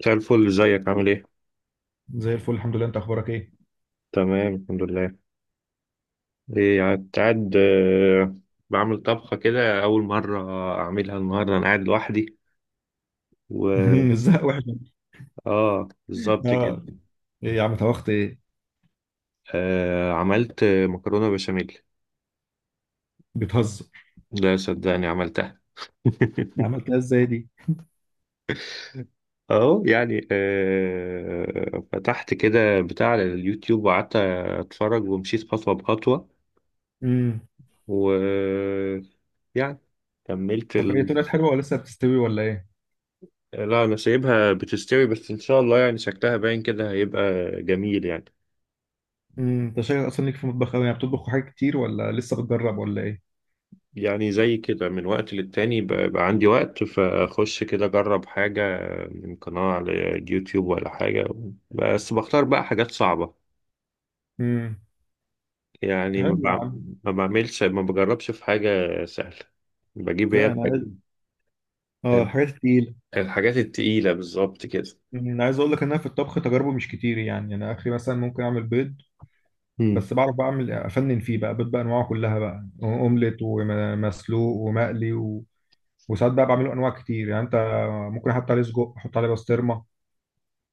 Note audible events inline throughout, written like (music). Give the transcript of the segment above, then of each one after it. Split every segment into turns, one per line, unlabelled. مساء الفل، ازيك عامل ايه؟
زي الفل الحمد لله، انت اخبارك ايه؟
تمام، الحمد لله. ايه، قاعد قاعد، بعمل طبخة كده أول مرة أعملها النهاردة. أنا قاعد لوحدي. و
(laughs) ازاي وحش.
آه، بالظبط كده.
اه. ايه يا عم طبخت ايه؟
آه، عملت مكرونة بشاميل.
بتهزر.
لا، صدقني عملتها. (laughs)
عملتها ازاي دي؟
أهو يعني فتحت كده بتاع على اليوتيوب وقعدت أتفرج ومشيت خطوة بخطوة.
امم.
و يعني كملت.
طب ايه طلعت حلوه ولا لسه بتستوي ولا ايه؟
لا، انا سايبها بتستوي، بس ان شاء الله يعني شكلها باين كده هيبقى جميل يعني.
امم، انت شايف اصلا ليك في المطبخ قوي، يعني بتطبخ حاجات كتير ولا لسه بتجرب ولا ايه؟
يعني زي كده من وقت للتاني، بقى عندي وقت فاخش كده اجرب حاجة من قناة على يوتيوب ولا حاجة. بس بختار بقى حاجات صعبة.
امم.
يعني
حلو يا عم.
ما بعملش، ما بجربش في حاجة سهلة. بجيب
لا
هي
انا عايز. اه
الح-
الحاجات التقيله.
الحاجات التقيلة، بالظبط كده.
أمم، انا عايز اقول لك ان انا في الطبخ تجاربه مش كتير، يعني انا اخري مثلا ممكن اعمل بيض،
مم.
بس بعرف بعمل افنن فيه بقى، بيض بانواعه كلها بقى، اومليت ومسلوق ومقلي. وساعات بقى بعمله انواع كتير، يعني انت ممكن احط عليه سجق، احط عليه بسطرمه،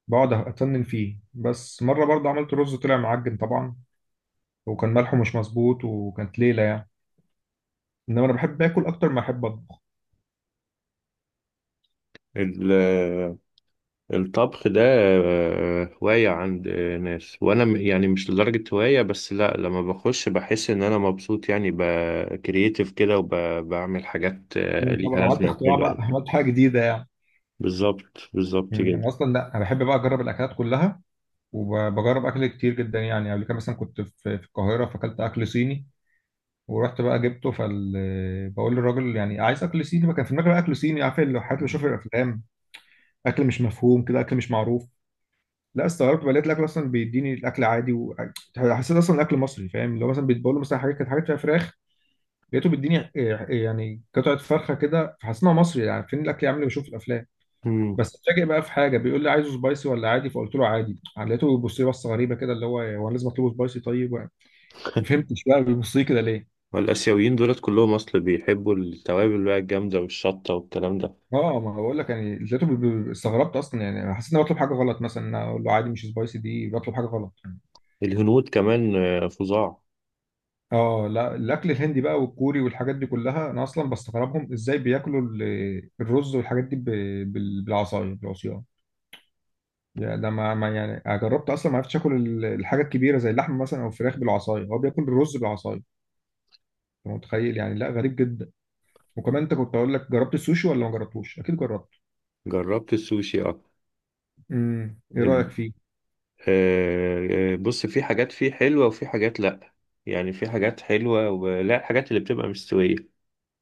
بقعد اتنن فيه. بس مره برضه عملت رز طلع معجن طبعا، وكان ملحه مش مظبوط وكانت ليله يعني. انما انا بحب اكل اكتر ما احب اطبخ.
ال- الطبخ ده هواية عند ناس، وأنا يعني مش لدرجة هواية، بس لأ، لما بخش بحس إن أنا مبسوط، يعني بكرييتيف كده، وبعمل حاجات
مم،
ليها
طبعا عملت
لازمة
اختراع
وحلوة
بقى،
يعني.
عملت حاجه جديده يعني.
بالظبط بالظبط
مم،
كده.
انا اصلا، لا انا بحب بقى اجرب الاكلات كلها، وبجرب اكل كتير جدا. يعني قبل كده مثلا كنت في القاهره، فاكلت اكل صيني ورحت بقى جبته فال، بقول للراجل يعني عايز اكل صيني بقى. كان في المغرب اكل صيني، عارف الحاجات اللي بشوفها في الافلام، اكل مش مفهوم كده، اكل مش معروف. لا استغربت بقى، لقيت الاكل اصلا بيديني الاكل عادي، و حسيت اصلا الاكل مصري، فاهم؟ اللي هو مثلا بيتبول، مثلا حاجات كانت حاجات فيها فراخ، لقيته بيديني، يعني قطعه فرخه كده، فحسيت إن هو مصري. يعني فين الاكل يا عم اللي بشوفه في الافلام؟
مم.
بس اتفاجئ بقى في حاجه، بيقول لي عايزه سبايسي ولا عادي؟ فقلت له عادي، يعني لقيته بيبص لي بصه غريبه كده، اللي هو، هو أنا لازم اطلبه سبايسي؟ طيب ما فهمتش بقى بيبص لي كده ليه.
والآسيويين دولت كلهم أصل بيحبوا التوابل بقى الجامدة والشطة والكلام ده.
اه، ما هو بقول لك، يعني لقيته استغربت اصلا، يعني حسيت اني بطلب حاجه غلط، مثلا إن أنا اقول له عادي مش سبايسي، دي بطلب حاجه غلط.
الهنود كمان فظاع.
اه، لا الاكل الهندي بقى والكوري والحاجات دي كلها، انا اصلا بستغربهم ازاي بياكلوا الرز والحاجات دي بالعصايه، بالعصيان. يعني ده يعني أنا جربت اصلا، ما عرفتش اكل الحاجه الكبيره زي اللحم مثلا او الفراخ بالعصايه. هو بياكل الرز بالعصايه، انت متخيل؟ يعني لا، غريب جدا. وكمان انت، كنت اقول لك، جربت السوشي ولا ما جربتوش؟ اكيد جربت.
جربت السوشي، اه.
امم، ايه رايك فيه؟
آه، آه، بص، في حاجات فيه حلوة وفي حاجات لأ. يعني في حاجات حلوة، ولا الحاجات اللي بتبقى مستوية.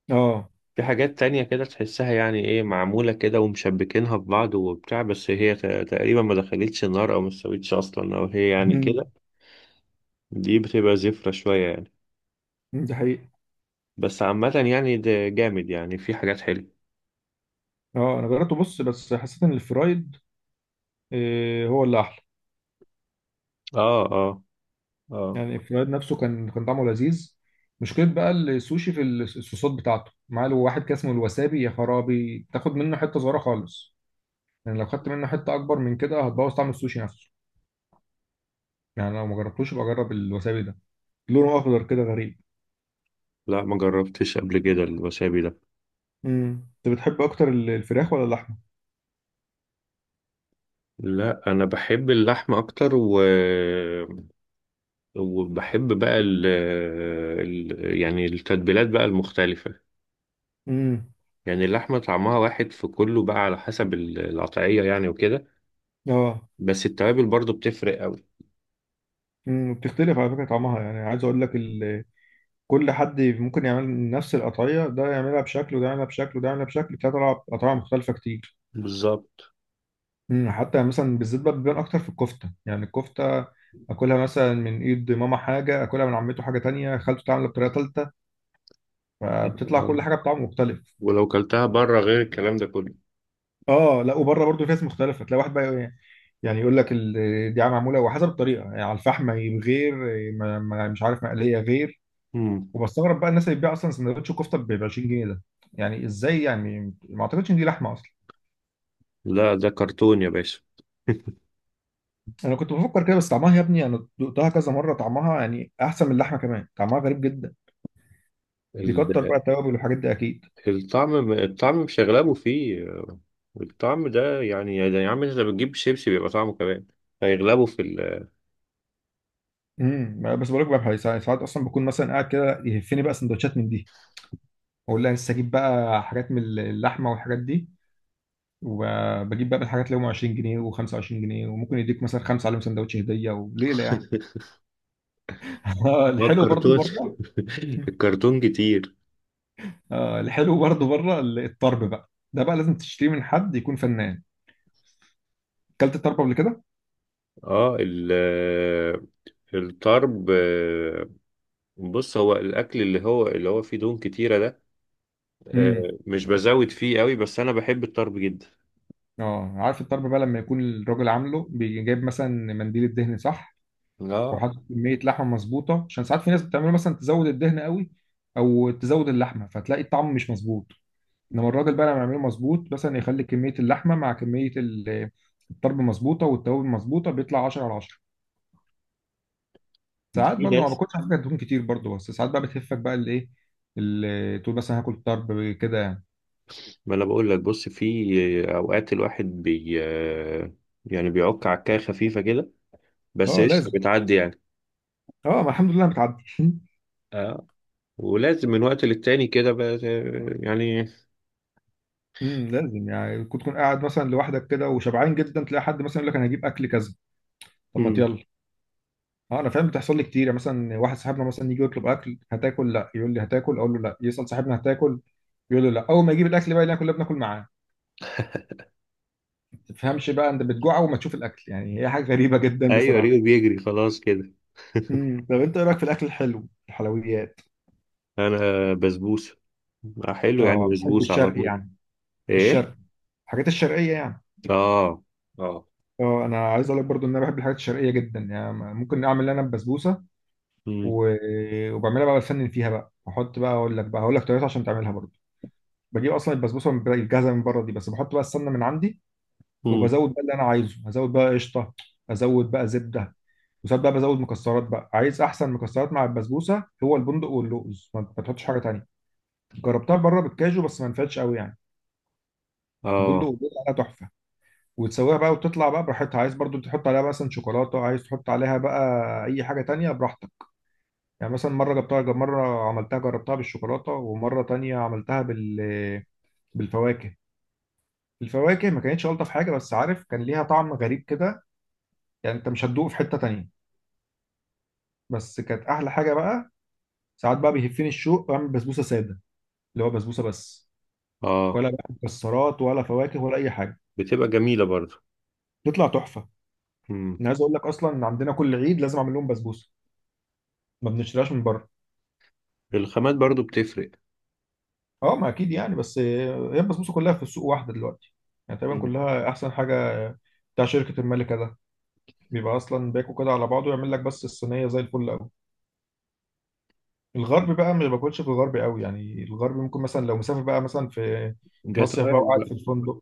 اه.
في حاجات تانية كده تحسها، يعني ايه، معمولة كده ومشبكينها ببعض وبتاع، بس هي تقريبا ما دخلتش النار أو ما استوتش أصلا، أو هي يعني
امم.
كده. دي بتبقى زفرة شوية يعني.
دي حقيقة.
بس عامة يعني ده جامد، يعني في حاجات حلوة.
اه انا جربته، بص، بس حسيت ان الفرايد، هو اللي احلى.
اه، اه. اه.
يعني الفرايد نفسه كان كان طعمه لذيذ. مشكلة بقى السوشي في الصوصات بتاعته، معاه له واحد كده اسمه الوسابي، يا خرابي! تاخد منه حتة صغيرة خالص، يعني لو خدت منه حتة أكبر من كده هتبوظ طعم السوشي نفسه. يعني لو ما جربتوش يبقى جرب الوسابي ده، لونه أخضر كده غريب.
لا، ما جربتش قبل كده الوسابي ده.
امم، أنت بتحب أكتر الفراخ ولا اللحمة؟
لا، انا بحب اللحمه اكتر. وبحب بقى ال ال يعني التتبيلات بقى المختلفة.
امم.
يعني اللحمة طعمها واحد في كله، بقى على حسب القطعية يعني وكده.
اه.
بس التوابل برضو بتفرق قوي.
امم، بتختلف على فكرة طعمها، يعني عايز أقول لك ال، كل حد ممكن يعمل نفس القطعية، ده يعملها بشكل وده يعملها بشكل وده يعملها بشكل، بتطلع قطعية مختلفة كتير.
بالظبط،
مم، حتى مثلا بالذات بقى بيبان اكتر في الكفته. يعني الكفته اكلها مثلا من ايد ماما حاجه، اكلها من عمته حاجه تانية، خالته تعملها بطريقه تالتة، فبتطلع
آه.
كل حاجه بطعم مختلف.
ولو كلتها بره غير الكلام ده كله.
اه لا، وبره برضو في ناس مختلفه، تلاقي واحد بقى يقول، إيه، يعني يقول لك دي معموله وحسب الطريقه، يعني على الفحم، غير مش عارف مقليه، غير.
مم.
وبستغرب بقى الناس اللي بتبيع اصلا سندوتش كفته ب 20 جنيه ده، يعني ازاي؟ يعني ما اعتقدش ان دي لحمه اصلا.
لا، ده كرتون يا باشا.
انا كنت بفكر كده بس، طعمها يا ابني انا دقتها كذا مره، طعمها يعني احسن من اللحمه كمان، طعمها غريب جدا. بيكتر بقى
ال-
التوابل والحاجات دي اكيد.
الطعم مش هيغلبوا فيه. الطعم ده يعني يا عم، انت بتجيب شيبسي بيبقى طعمه كمان. هيغلبوا.
امم، بس بقول لك بقى، ساعات ساعات اصلا بكون مثلا قاعد كده يهفني بقى سندوتشات من دي، اقول لها لسه اجيب بقى حاجات من اللحمه والحاجات دي، وبجيب بقى من الحاجات اللي هم 20 جنيه و25 جنيه، وممكن يديك مثلا خمسه عليهم سندوتش هديه وليله يعني.
(laughs)
(laughs)
ما
الحلو برضو
الكرتون. (laughs)
بره. (laughs)
الكرتون كتير.
الحلو برضو بره. الطرب بقى ده بقى لازم تشتريه من حد يكون فنان. اكلت الطرب قبل كده؟
اه، ال آه، الطرب. بص، هو الاكل اللي هو فيه دهون كتيره ده.
امم.
مش بزود فيه قوي، بس انا بحب الطرب جدا.
اه، عارف الطرب بقى لما يكون الراجل عامله، بيجيب مثلا منديل الدهن، صح؟
اه،
وحاطط كميه لحمه مظبوطه، عشان ساعات في ناس بتعمله مثلا تزود الدهن قوي او تزود اللحمه، فتلاقي الطعم مش مظبوط. انما الراجل بقى لما يعمله مظبوط، مثلا يخلي كميه اللحمه مع كميه الطرب مظبوطه، والتوابل مظبوطه، بيطلع 10 على 10. ساعات
في
برضه ما
ناس.
باكلش على فكره دهون كتير برضه، بس ساعات بقى بتهفك بقى الايه، تقول مثلا هاكل طرب كده يعني.
ما انا بقول لك، بص، في اوقات الواحد بي آه، يعني بيعك عكايه خفيفه كده، بس
اه
قشطه
لازم.
بتعدي يعني.
اه، ما الحمد لله بتعدي. (laughs)
اه. ولازم من وقت للتاني كده بقى يعني.
لازم. يعني كنت تكون قاعد مثلا لوحدك كده وشبعان جدا، تلاقي حد مثلا يقول لك انا هجيب اكل كذا، طب ما
مم.
يلا. اه انا فاهم، بتحصل لي كتير. يعني مثلا واحد صاحبنا مثلا يجي يطلب اكل، هتاكل؟ لا. يقول لي هتاكل؟ اقول له لا. يسال صاحبنا هتاكل؟ يقول له لا. اول ما يجيب الاكل بقى اللي كلنا بناكل معاه، ما تفهمش بقى انت بتجوع وما تشوف الاكل. يعني هي حاجه غريبه جدا
ايوه
بصراحه.
ريو بيجري خلاص كده.
امم، طب انت ايه رايك في الاكل الحلو، الحلويات؟
انا بسبوسه. آه، حلو يعني،
اه بتحب
بسبوسه على
الشرقي
طول.
يعني.
ايه.
الشرق، الحاجات الشرقيه يعني.
اه، اه.
اه، انا عايز اقول لك برضو ان انا بحب الحاجات الشرقيه جدا، يعني ممكن اعمل انا بسبوسه،
مم.
و وبعملها بقى بفنن فيها بقى، احط بقى، اقول لك بقى، هقول لك طريقتها عشان تعملها برضو. بجيب اصلا البسبوسه من، الجاهزه من بره دي، بس بحط بقى السمنه من عندي،
مم.
وبزود بقى اللي انا عايزه، هزود بقى قشطه، ازود بقى زبده. وساعات بقى بزود مكسرات بقى. عايز احسن مكسرات مع البسبوسه، هو البندق واللوز، ما تحطش حاجه تانيه. جربتها بره بالكاجو بس ما نفعتش قوي يعني.
اه،
البندق واللوز عليها تحفه. وتسويها بقى وتطلع بقى براحتها، عايز برضو تحط عليها مثلا شوكولاته، عايز تحط عليها بقى اي حاجه تانيه براحتك. يعني مثلا مره جبتها، مره عملتها جربتها بالشوكولاته، ومره تانيه عملتها بال، بالفواكه. الفواكه ما كانتش الطف حاجه بس، عارف كان ليها طعم غريب كده، يعني انت مش هتدوقه في حته تانية، بس كانت احلى حاجه بقى. ساعات بقى بيهفني الشوق واعمل بسبوسه ساده، اللي هو بسبوسه بس،
اه.
ولا بقى مكسرات ولا فواكه ولا اي حاجه.
بتبقى جميلة برضو.
تطلع تحفه.
مم.
انا عايز اقول لك اصلا ان عندنا كل عيد لازم اعمل لهم بسبوسه، ما بنشتريهاش من بره.
الخامات برضو بتفرق.
اه ما اكيد يعني، بس هي البسبوسه كلها في السوق واحده دلوقتي، يعني تقريبا
مم.
كلها احسن حاجه، بتاع شركه الملكه ده. بيبقى اصلا باكو كده على بعضه، يعمل لك بس الصينيه زي الفل. الغرب بقى ما باكلش في الغرب قوي يعني، الغرب ممكن مثلا لو مسافر بقى مثلا في
جت
مصيف بقى
وقعت
وقاعد
بقى.
في الفندق،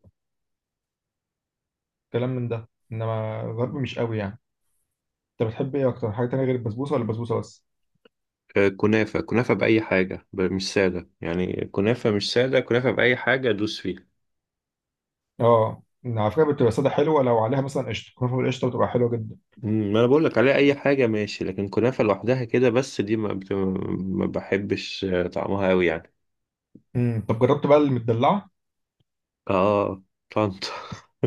كلام من ده، انما الغرب مش قوي يعني. انت بتحب ايه اكتر حاجه تانية غير البسبوسه، ولا البسبوسه بس؟
آه، كنافة كنافة بأي حاجة، مش سادة. يعني كنافة مش سادة، كنافة بأي حاجة دوس فيها.
اه على فكره، بتبقى ساده حلوه لو عليها مثلا قشطه، كنافه بالقشطه بتبقى حلوه جدا.
مم، ما انا بقول لك عليها اي حاجه ماشي، لكن كنافه لوحدها كده بس دي ما بحبش طعمها قوي يعني.
امم، طب جربت بقى المدلعه؟
اه. طنطا. (laughs)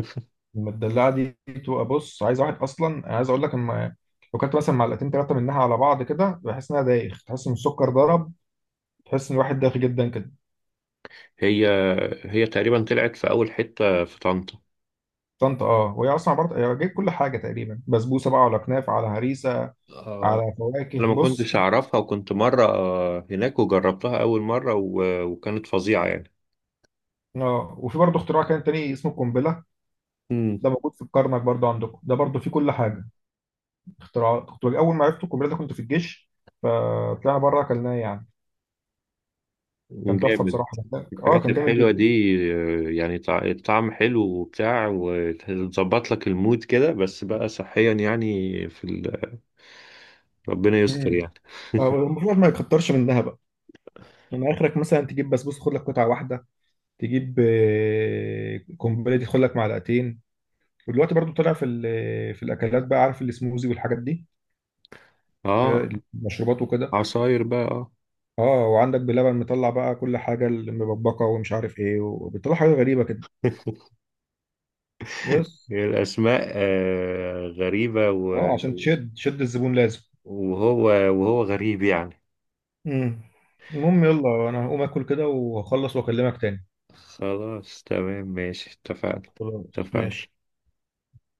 المدلعه دي بتبقى، بص، عايز واحد اصلا، عايز اقول لك، اما لو كنت مثلا معلقتين ثلاثه منها على بعض كده، بحس انها دايخ، تحس ان السكر ضرب، تحس ان الواحد دايخ جدا كده.
هي هي تقريبا طلعت في اول حته في طنطا.
طنطا اه، وهي اصلا عباره، هي جايب كل حاجه تقريبا، بسبوسه بقى، على كنافه، على هريسه،
اه،
على فواكه،
انا ما
بص.
كنتش اعرفها، وكنت مره هناك وجربتها اول مره، وكانت فظيعه يعني.
اه، وفي برضه اختراع كان تاني اسمه القنبله،
امم.
ده موجود في الكرنك برضه عندكم، ده برضه فيه كل حاجه. اختراعات. كنت اول ما عرفت القنبله ده كنت في الجيش، فطلعنا بره اكلناه يعني، كان تحفه
جامد.
بصراحه. اه
الحاجات
كان جامد
الحلوه دي
جدا.
يعني الطعم حلو وبتاع وتظبط لك المود كده، بس بقى صحيا يعني. ربنا يستر
امم،
يعني.
المفروض ما يكترش منها بقى، من اخرك مثلا تجيب بسبوسه خد لك قطعه واحده، تجيب قنبله دي خد لك معلقتين. ودلوقتي برضو طلع في في الاكلات بقى، عارف السموزي والحاجات دي،
اه،
المشروبات وكده.
عصاير بقى، اه.
اه، وعندك بلبن مطلع بقى كل حاجه، المبكبكه ومش عارف ايه، وبيطلع حاجه غريبه كده
(laughs)
بس.
الاسماء غريبه.
اه عشان تشد الزبون لازم.
وهو غريب يعني.
امم، المهم يلا انا هقوم اكل كده وهخلص واكلمك تاني.
خلاص تمام ماشي، اتفقنا.
خلاص
اتفقنا.
ماشي.